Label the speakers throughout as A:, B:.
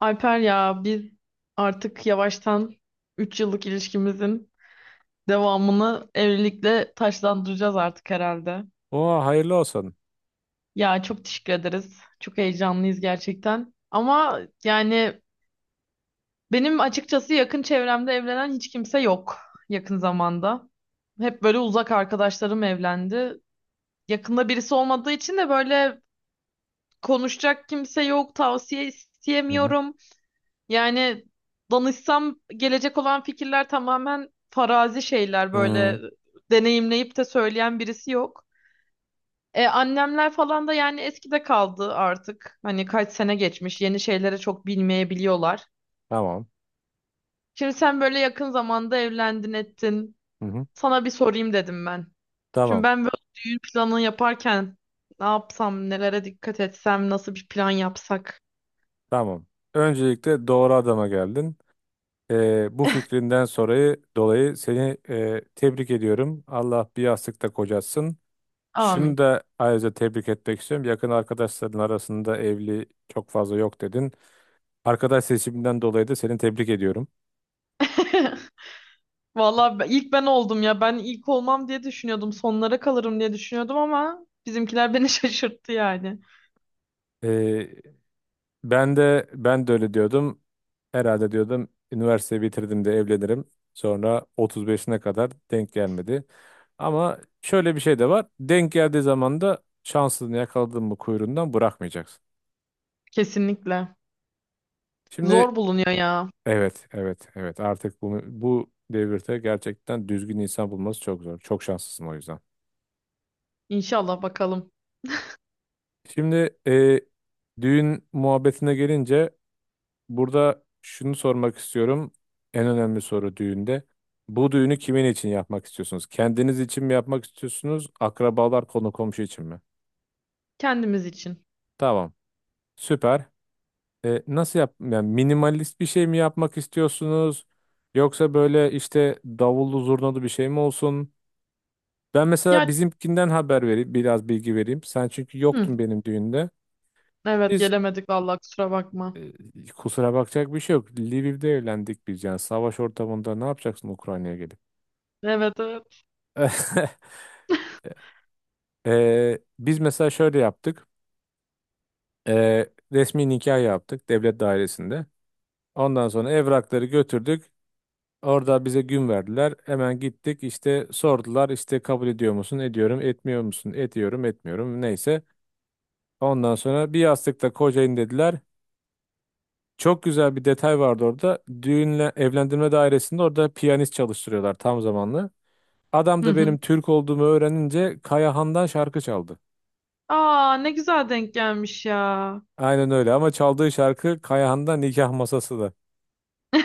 A: Alper ya biz artık yavaştan 3 yıllık ilişkimizin devamını evlilikle taçlandıracağız artık herhalde.
B: Oha hayırlı olsun.
A: Ya çok teşekkür ederiz. Çok heyecanlıyız gerçekten. Ama yani benim açıkçası yakın çevremde evlenen hiç kimse yok yakın zamanda. Hep böyle uzak arkadaşlarım evlendi. Yakında birisi olmadığı için de böyle konuşacak kimse yok, tavsiye
B: Hı hı.
A: isteyemiyorum. Yani danışsam gelecek olan fikirler tamamen farazi şeyler,
B: Hmm.
A: böyle deneyimleyip de söyleyen birisi yok. Annemler falan da yani eskide kaldı artık. Hani kaç sene geçmiş, yeni şeylere çok bilmeyebiliyorlar.
B: Tamam.
A: Şimdi sen böyle yakın zamanda evlendin ettin.
B: Hı hı.
A: Sana bir sorayım dedim ben. Şimdi
B: Tamam.
A: ben böyle düğün planı yaparken ne yapsam, nelere dikkat etsem, nasıl bir plan yapsak.
B: Tamam. Öncelikle doğru adama geldin. Bu fikrinden sonra dolayı seni tebrik ediyorum. Allah bir yastıkta kocatsın.
A: Amin.
B: Şunu da ayrıca tebrik etmek istiyorum. Yakın arkadaşların arasında evli çok fazla yok dedin. Arkadaş seçiminden dolayı da seni tebrik ediyorum.
A: Vallahi ilk ben oldum ya. Ben ilk olmam diye düşünüyordum. Sonlara kalırım diye düşünüyordum ama bizimkiler beni şaşırttı yani.
B: Ee, ben de öyle diyordum. Herhalde diyordum üniversiteyi bitirdim de evlenirim. Sonra 35'ine kadar denk gelmedi. Ama şöyle bir şey de var. Denk geldiği zaman da şansını yakaladın mı kuyruğundan bırakmayacaksın.
A: Kesinlikle.
B: Şimdi
A: Zor bulunuyor ya.
B: evet evet evet artık bu devirde gerçekten düzgün insan bulması çok zor. Çok şanslısın o yüzden.
A: İnşallah bakalım.
B: Şimdi düğün muhabbetine gelince, burada şunu sormak istiyorum. En önemli soru düğünde. Bu düğünü kimin için yapmak istiyorsunuz? Kendiniz için mi yapmak istiyorsunuz? Akrabalar, konu komşu için mi?
A: Kendimiz için.
B: Tamam. Süper. Nasıl yap? Yani minimalist bir şey mi yapmak istiyorsunuz? Yoksa böyle işte davullu zurnalı bir şey mi olsun? Ben mesela
A: Ya
B: bizimkinden haber vereyim, biraz bilgi vereyim. Sen çünkü
A: hı,
B: yoktun benim düğünde.
A: evet,
B: Biz
A: gelemedik vallahi, kusura bakma.
B: e, kusura bakacak bir şey yok. Lviv'de evlendik biz yani. Savaş ortamında ne yapacaksın Ukrayna'ya gelip?
A: Evet, evet.
B: Biz mesela şöyle yaptık. Ee, resmi nikah yaptık devlet dairesinde. Ondan sonra evrakları götürdük. Orada bize gün verdiler. Hemen gittik işte sordular işte kabul ediyor musun? Ediyorum. Etmiyor musun? Ediyorum. Etmiyorum. Neyse. Ondan sonra bir yastıkta kocayın dediler. Çok güzel bir detay vardı orada. Düğünle evlendirme dairesinde orada piyanist çalıştırıyorlar tam zamanlı. Adam
A: Hı
B: da
A: hı.
B: benim Türk olduğumu öğrenince Kayahan'dan şarkı çaldı.
A: Aa, ne güzel denk gelmiş ya.
B: Aynen öyle ama çaldığı şarkı Kayahan'da nikah masası da.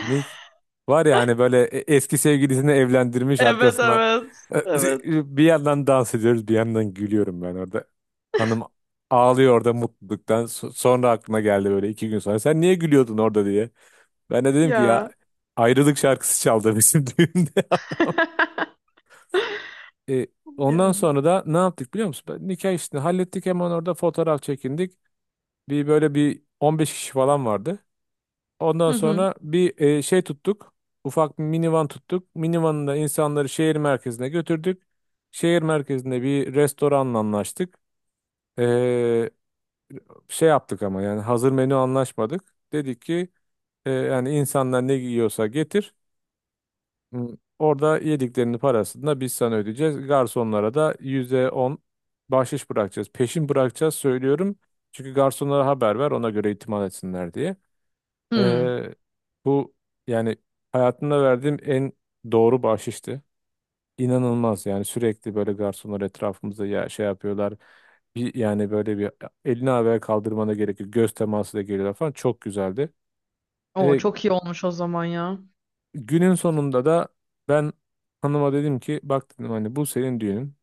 B: Nik Var ya hani böyle eski sevgilisini evlendirmiş
A: Evet,
B: arkasına,
A: evet. Evet
B: bir yandan dans ediyoruz bir yandan gülüyorum ben orada. Hanım ağlıyor orada mutluluktan. Sonra aklına geldi böyle 2 gün sonra sen niye gülüyordun orada diye. Ben de dedim ki ya
A: ya.
B: ayrılık şarkısı çaldı bizim düğünde. E, ondan
A: Yani.
B: sonra da ne yaptık biliyor musun? Nikah işini hallettik hemen orada fotoğraf çekindik. Bir böyle bir 15 kişi falan vardı. Ondan
A: Hı hı.
B: sonra bir şey tuttuk. Ufak bir minivan tuttuk. Minivanında insanları şehir merkezine götürdük. Şehir merkezinde bir restoranla anlaştık. E, şey yaptık ama yani hazır menü anlaşmadık. Dedik ki yani insanlar ne yiyorsa getir. Hmm, Orada yediklerinin parasını da biz sana ödeyeceğiz. Garsonlara da %10 bahşiş bırakacağız. Peşin bırakacağız söylüyorum. Çünkü garsonlara haber ver ona göre itimat etsinler diye.
A: Hı.
B: Ee, bu yani hayatımda verdiğim en doğru bahşişti. İnanılmaz yani sürekli böyle garsonlar etrafımızda ya şey yapıyorlar. Yani böyle bir elini havaya kaldırmana gerek yok. Göz teması da geliyorlar falan. Çok güzeldi.
A: O
B: E,
A: çok iyi olmuş o zaman ya.
B: günün sonunda da ben hanıma dedim ki bak dedim hani bu senin düğünün.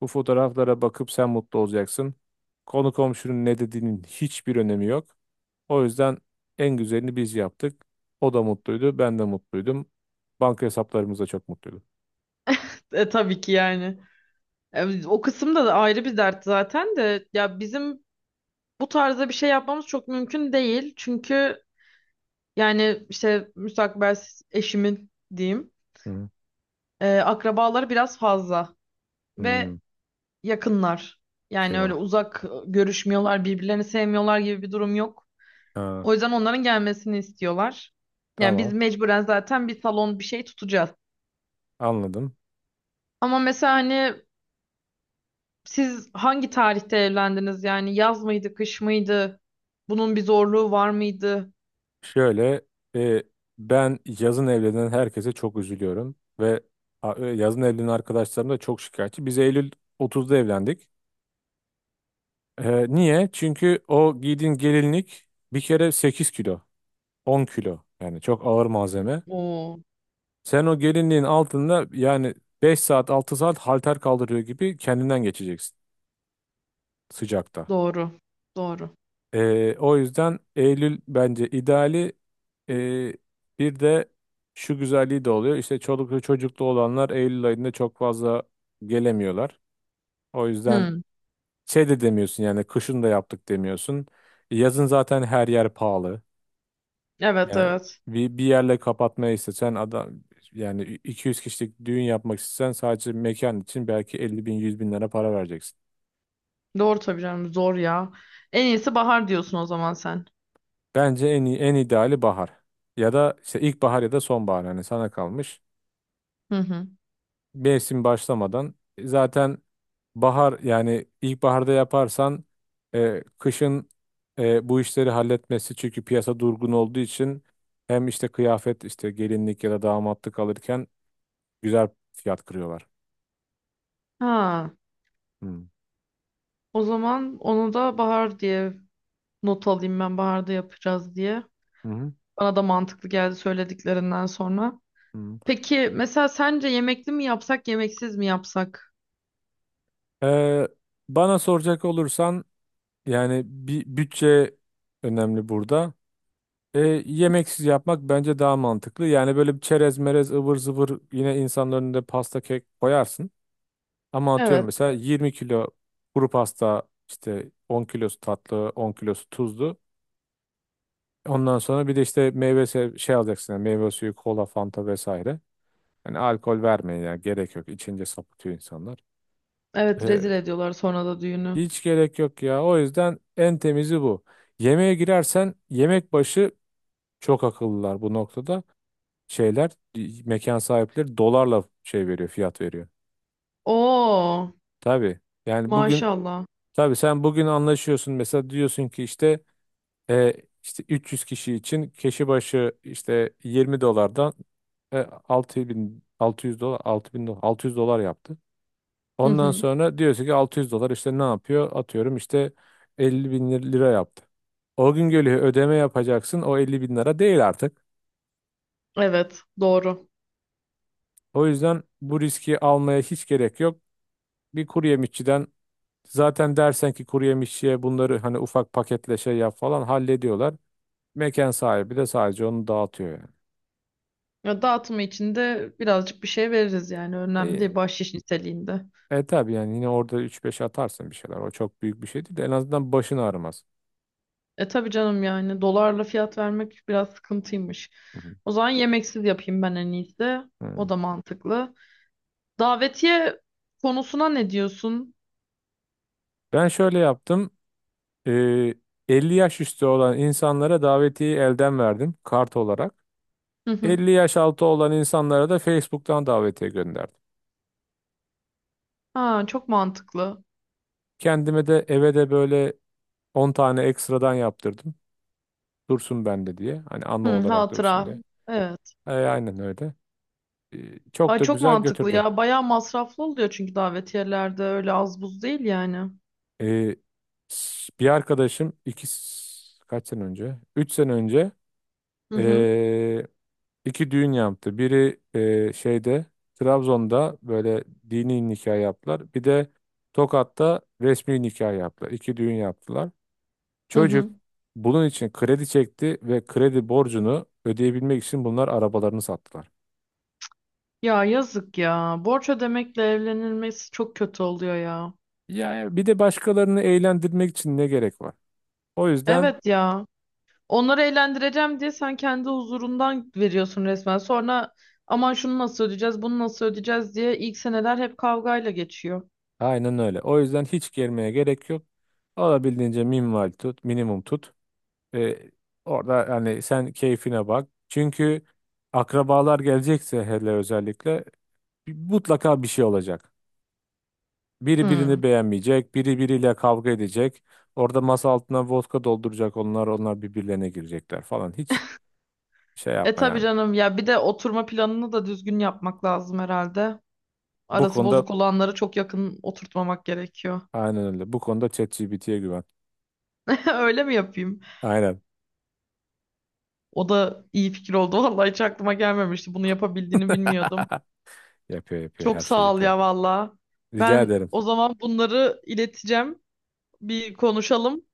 B: Bu fotoğraflara bakıp sen mutlu olacaksın. Konu komşunun ne dediğinin hiçbir önemi yok. O yüzden en güzelini biz yaptık. O da mutluydu, ben de mutluydum. Banka hesaplarımız da çok mutluydu.
A: E, tabii ki yani. E, o kısımda da ayrı bir dert zaten de, ya bizim bu tarzda bir şey yapmamız çok mümkün değil. Çünkü yani işte müstakbel eşimin diyeyim,
B: Hı, hı.
A: akrabaları biraz fazla.
B: Hmm.
A: Ve yakınlar. Yani öyle
B: Eyvah.
A: uzak, görüşmüyorlar, birbirlerini sevmiyorlar gibi bir durum yok.
B: Ha.
A: O yüzden onların gelmesini istiyorlar. Yani biz
B: Tamam,
A: mecburen zaten bir salon bir şey tutacağız.
B: anladım.
A: Ama mesela hani siz hangi tarihte evlendiniz? Yani yaz mıydı, kış mıydı? Bunun bir zorluğu var mıydı?
B: Şöyle, e, ben yazın evlenen herkese çok üzülüyorum ve yazın evlenen arkadaşlarım da çok şikayetçi. Biz Eylül 30'da evlendik. Niye? Çünkü o giydiğin gelinlik bir kere 8 kilo. 10 kilo. Yani çok ağır malzeme.
A: Oo,
B: Sen o gelinliğin altında yani 5 saat 6 saat halter kaldırıyor gibi kendinden geçeceksin sıcakta.
A: doğru. Doğru.
B: O yüzden Eylül bence ideali. Ee, bir de şu güzelliği de oluyor. İşte çoluklu çocuklu olanlar Eylül ayında çok fazla gelemiyorlar. O yüzden
A: Hmm,
B: şey de demiyorsun yani kışın da yaptık demiyorsun. Yazın zaten her yer pahalı.
A: evet,
B: Yani
A: evet.
B: bir yerle kapatmayı istesen adam yani 200 kişilik düğün yapmak istesen sadece mekan için belki 50 bin 100 bin lira para vereceksin.
A: Doğru tabii canım, zor ya. En iyisi bahar diyorsun o zaman sen.
B: Bence en iyi, en ideali bahar. Ya da işte ilkbahar ya da sonbahar hani sana kalmış.
A: Hı hı.
B: Mevsim başlamadan zaten bahar yani ilkbaharda yaparsan kışın bu işleri halletmesi çünkü piyasa durgun olduğu için hem işte kıyafet işte gelinlik ya da damatlık alırken güzel fiyat kırıyorlar.
A: Ha,
B: Hı.
A: o zaman onu da bahar diye not alayım, ben baharda yapacağız diye.
B: Hı hı.
A: Bana da mantıklı geldi söylediklerinden sonra.
B: Hı.
A: Peki mesela sence yemekli mi yapsak, yemeksiz mi yapsak?
B: Ee, bana soracak olursan yani bir bütçe önemli burada. Ee, yemeksiz yapmak bence daha mantıklı. Yani böyle bir çerez merez ıvır zıvır yine insanların önünde pasta kek koyarsın. Ama atıyorum
A: Evet.
B: mesela 20 kilo kuru pasta işte 10 kilosu tatlı 10 kilosu tuzlu. Ondan sonra bir de işte şey alacaksın yani meyve suyu kola fanta vesaire. Yani alkol vermeyin yani gerek yok. İçince sapıtıyor insanlar.
A: Evet, rezil ediyorlar sonra da düğünü.
B: Hiç gerek yok ya. O yüzden en temizi bu. Yemeğe girersen yemek başı çok akıllılar bu noktada. Şeyler mekan sahipleri dolarla şey veriyor, fiyat veriyor.
A: Oo,
B: Tabii. Yani bugün
A: maşallah.
B: tabii sen bugün anlaşıyorsun mesela diyorsun ki işte e, işte 300 kişi için kişi başı işte 20 dolardan e, 6.000 600 dolar 6.000 dolar 600 dolar yaptı.
A: Hı
B: Ondan
A: hı.
B: sonra diyorsun ki 600 dolar işte ne yapıyor? Atıyorum işte 50 bin lira yaptı. O gün geliyor ödeme yapacaksın. O 50 bin lira değil artık.
A: Evet, doğru.
B: O yüzden bu riski almaya hiç gerek yok. Bir kuru yemişçiden zaten dersen ki kuru yemişçiye bunları hani ufak paketle şey yap falan hallediyorlar. Mekan sahibi de sadece onu dağıtıyor yani.
A: Ya, dağıtımı için de birazcık bir şey veririz, yani önemli değil, bahşiş niteliğinde.
B: Tabii yani yine orada üç beş atarsın bir şeyler. O çok büyük bir şey değil de en azından başın ağrımaz.
A: E tabii canım, yani dolarla fiyat vermek biraz sıkıntıymış.
B: Hı hı.
A: O zaman yemeksiz yapayım ben en iyisi.
B: Hı.
A: O da mantıklı. Davetiye konusuna ne diyorsun?
B: Ben şöyle yaptım. E, 50 yaş üstü olan insanlara davetiyeyi elden verdim kart olarak.
A: Hı hı.
B: 50 yaş altı olan insanlara da Facebook'tan davetiye gönderdim.
A: Ha, çok mantıklı.
B: Kendime de eve de böyle 10 tane ekstradan yaptırdım. Dursun bende diye. Hani anı
A: Hı,
B: olarak dursun
A: hatıra.
B: diye.
A: Evet.
B: Aynen öyle. E, çok
A: Ay,
B: da
A: çok
B: güzel
A: mantıklı
B: götürdü.
A: ya. Bayağı masraflı oluyor, çünkü davetiyelerde öyle az buz değil yani.
B: E, bir arkadaşım kaç sene önce? 3 sene önce
A: Hı hı.
B: e, iki düğün yaptı. Biri şeyde Trabzon'da böyle dini nikah yaptılar. Bir de Tokat'ta resmi nikah yaptılar. İki düğün yaptılar.
A: Hı hı.
B: Çocuk bunun için kredi çekti ve kredi borcunu ödeyebilmek için bunlar arabalarını sattılar.
A: Ya, yazık ya. Borç ödemekle evlenilmesi çok kötü oluyor ya.
B: Yani bir de başkalarını eğlendirmek için ne gerek var? O yüzden
A: Evet ya. Onları eğlendireceğim diye sen kendi huzurundan veriyorsun resmen. Sonra aman şunu nasıl ödeyeceğiz, bunu nasıl ödeyeceğiz diye ilk seneler hep kavgayla geçiyor.
B: aynen öyle. O yüzden hiç gelmeye gerek yok. Olabildiğince minimal tut, minimum tut. Ee, orada yani sen keyfine bak. Çünkü akrabalar gelecekse hele özellikle mutlaka bir şey olacak. Biri birini
A: Hı.
B: beğenmeyecek, biri biriyle kavga edecek. Orada masa altına vodka dolduracak onlar birbirlerine girecekler falan. Hiç şey
A: E
B: yapma
A: tabii
B: yani.
A: canım ya, bir de oturma planını da düzgün yapmak lazım herhalde.
B: Bu
A: Arası
B: konuda
A: bozuk olanları çok yakın oturtmamak gerekiyor.
B: aynen öyle. Bu konuda ChatGPT'ye güven.
A: Öyle mi yapayım?
B: Aynen.
A: O da iyi fikir oldu. Vallahi hiç aklıma gelmemişti. Bunu yapabildiğini bilmiyordum.
B: Yapıyor yapıyor,
A: Çok
B: her şey
A: sağ ol
B: yapıyor.
A: ya valla.
B: Rica
A: Ben
B: ederim.
A: o zaman bunları ileteceğim. Bir konuşalım.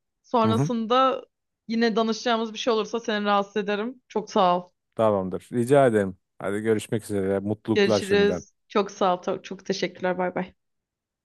B: Hı hı.
A: Sonrasında yine danışacağımız bir şey olursa seni rahatsız ederim. Çok sağ ol.
B: Tamamdır. Rica ederim. Hadi görüşmek üzere. Mutluluklar şimdiden.
A: Görüşürüz. Çok sağ ol. Çok çok teşekkürler. Bay bay.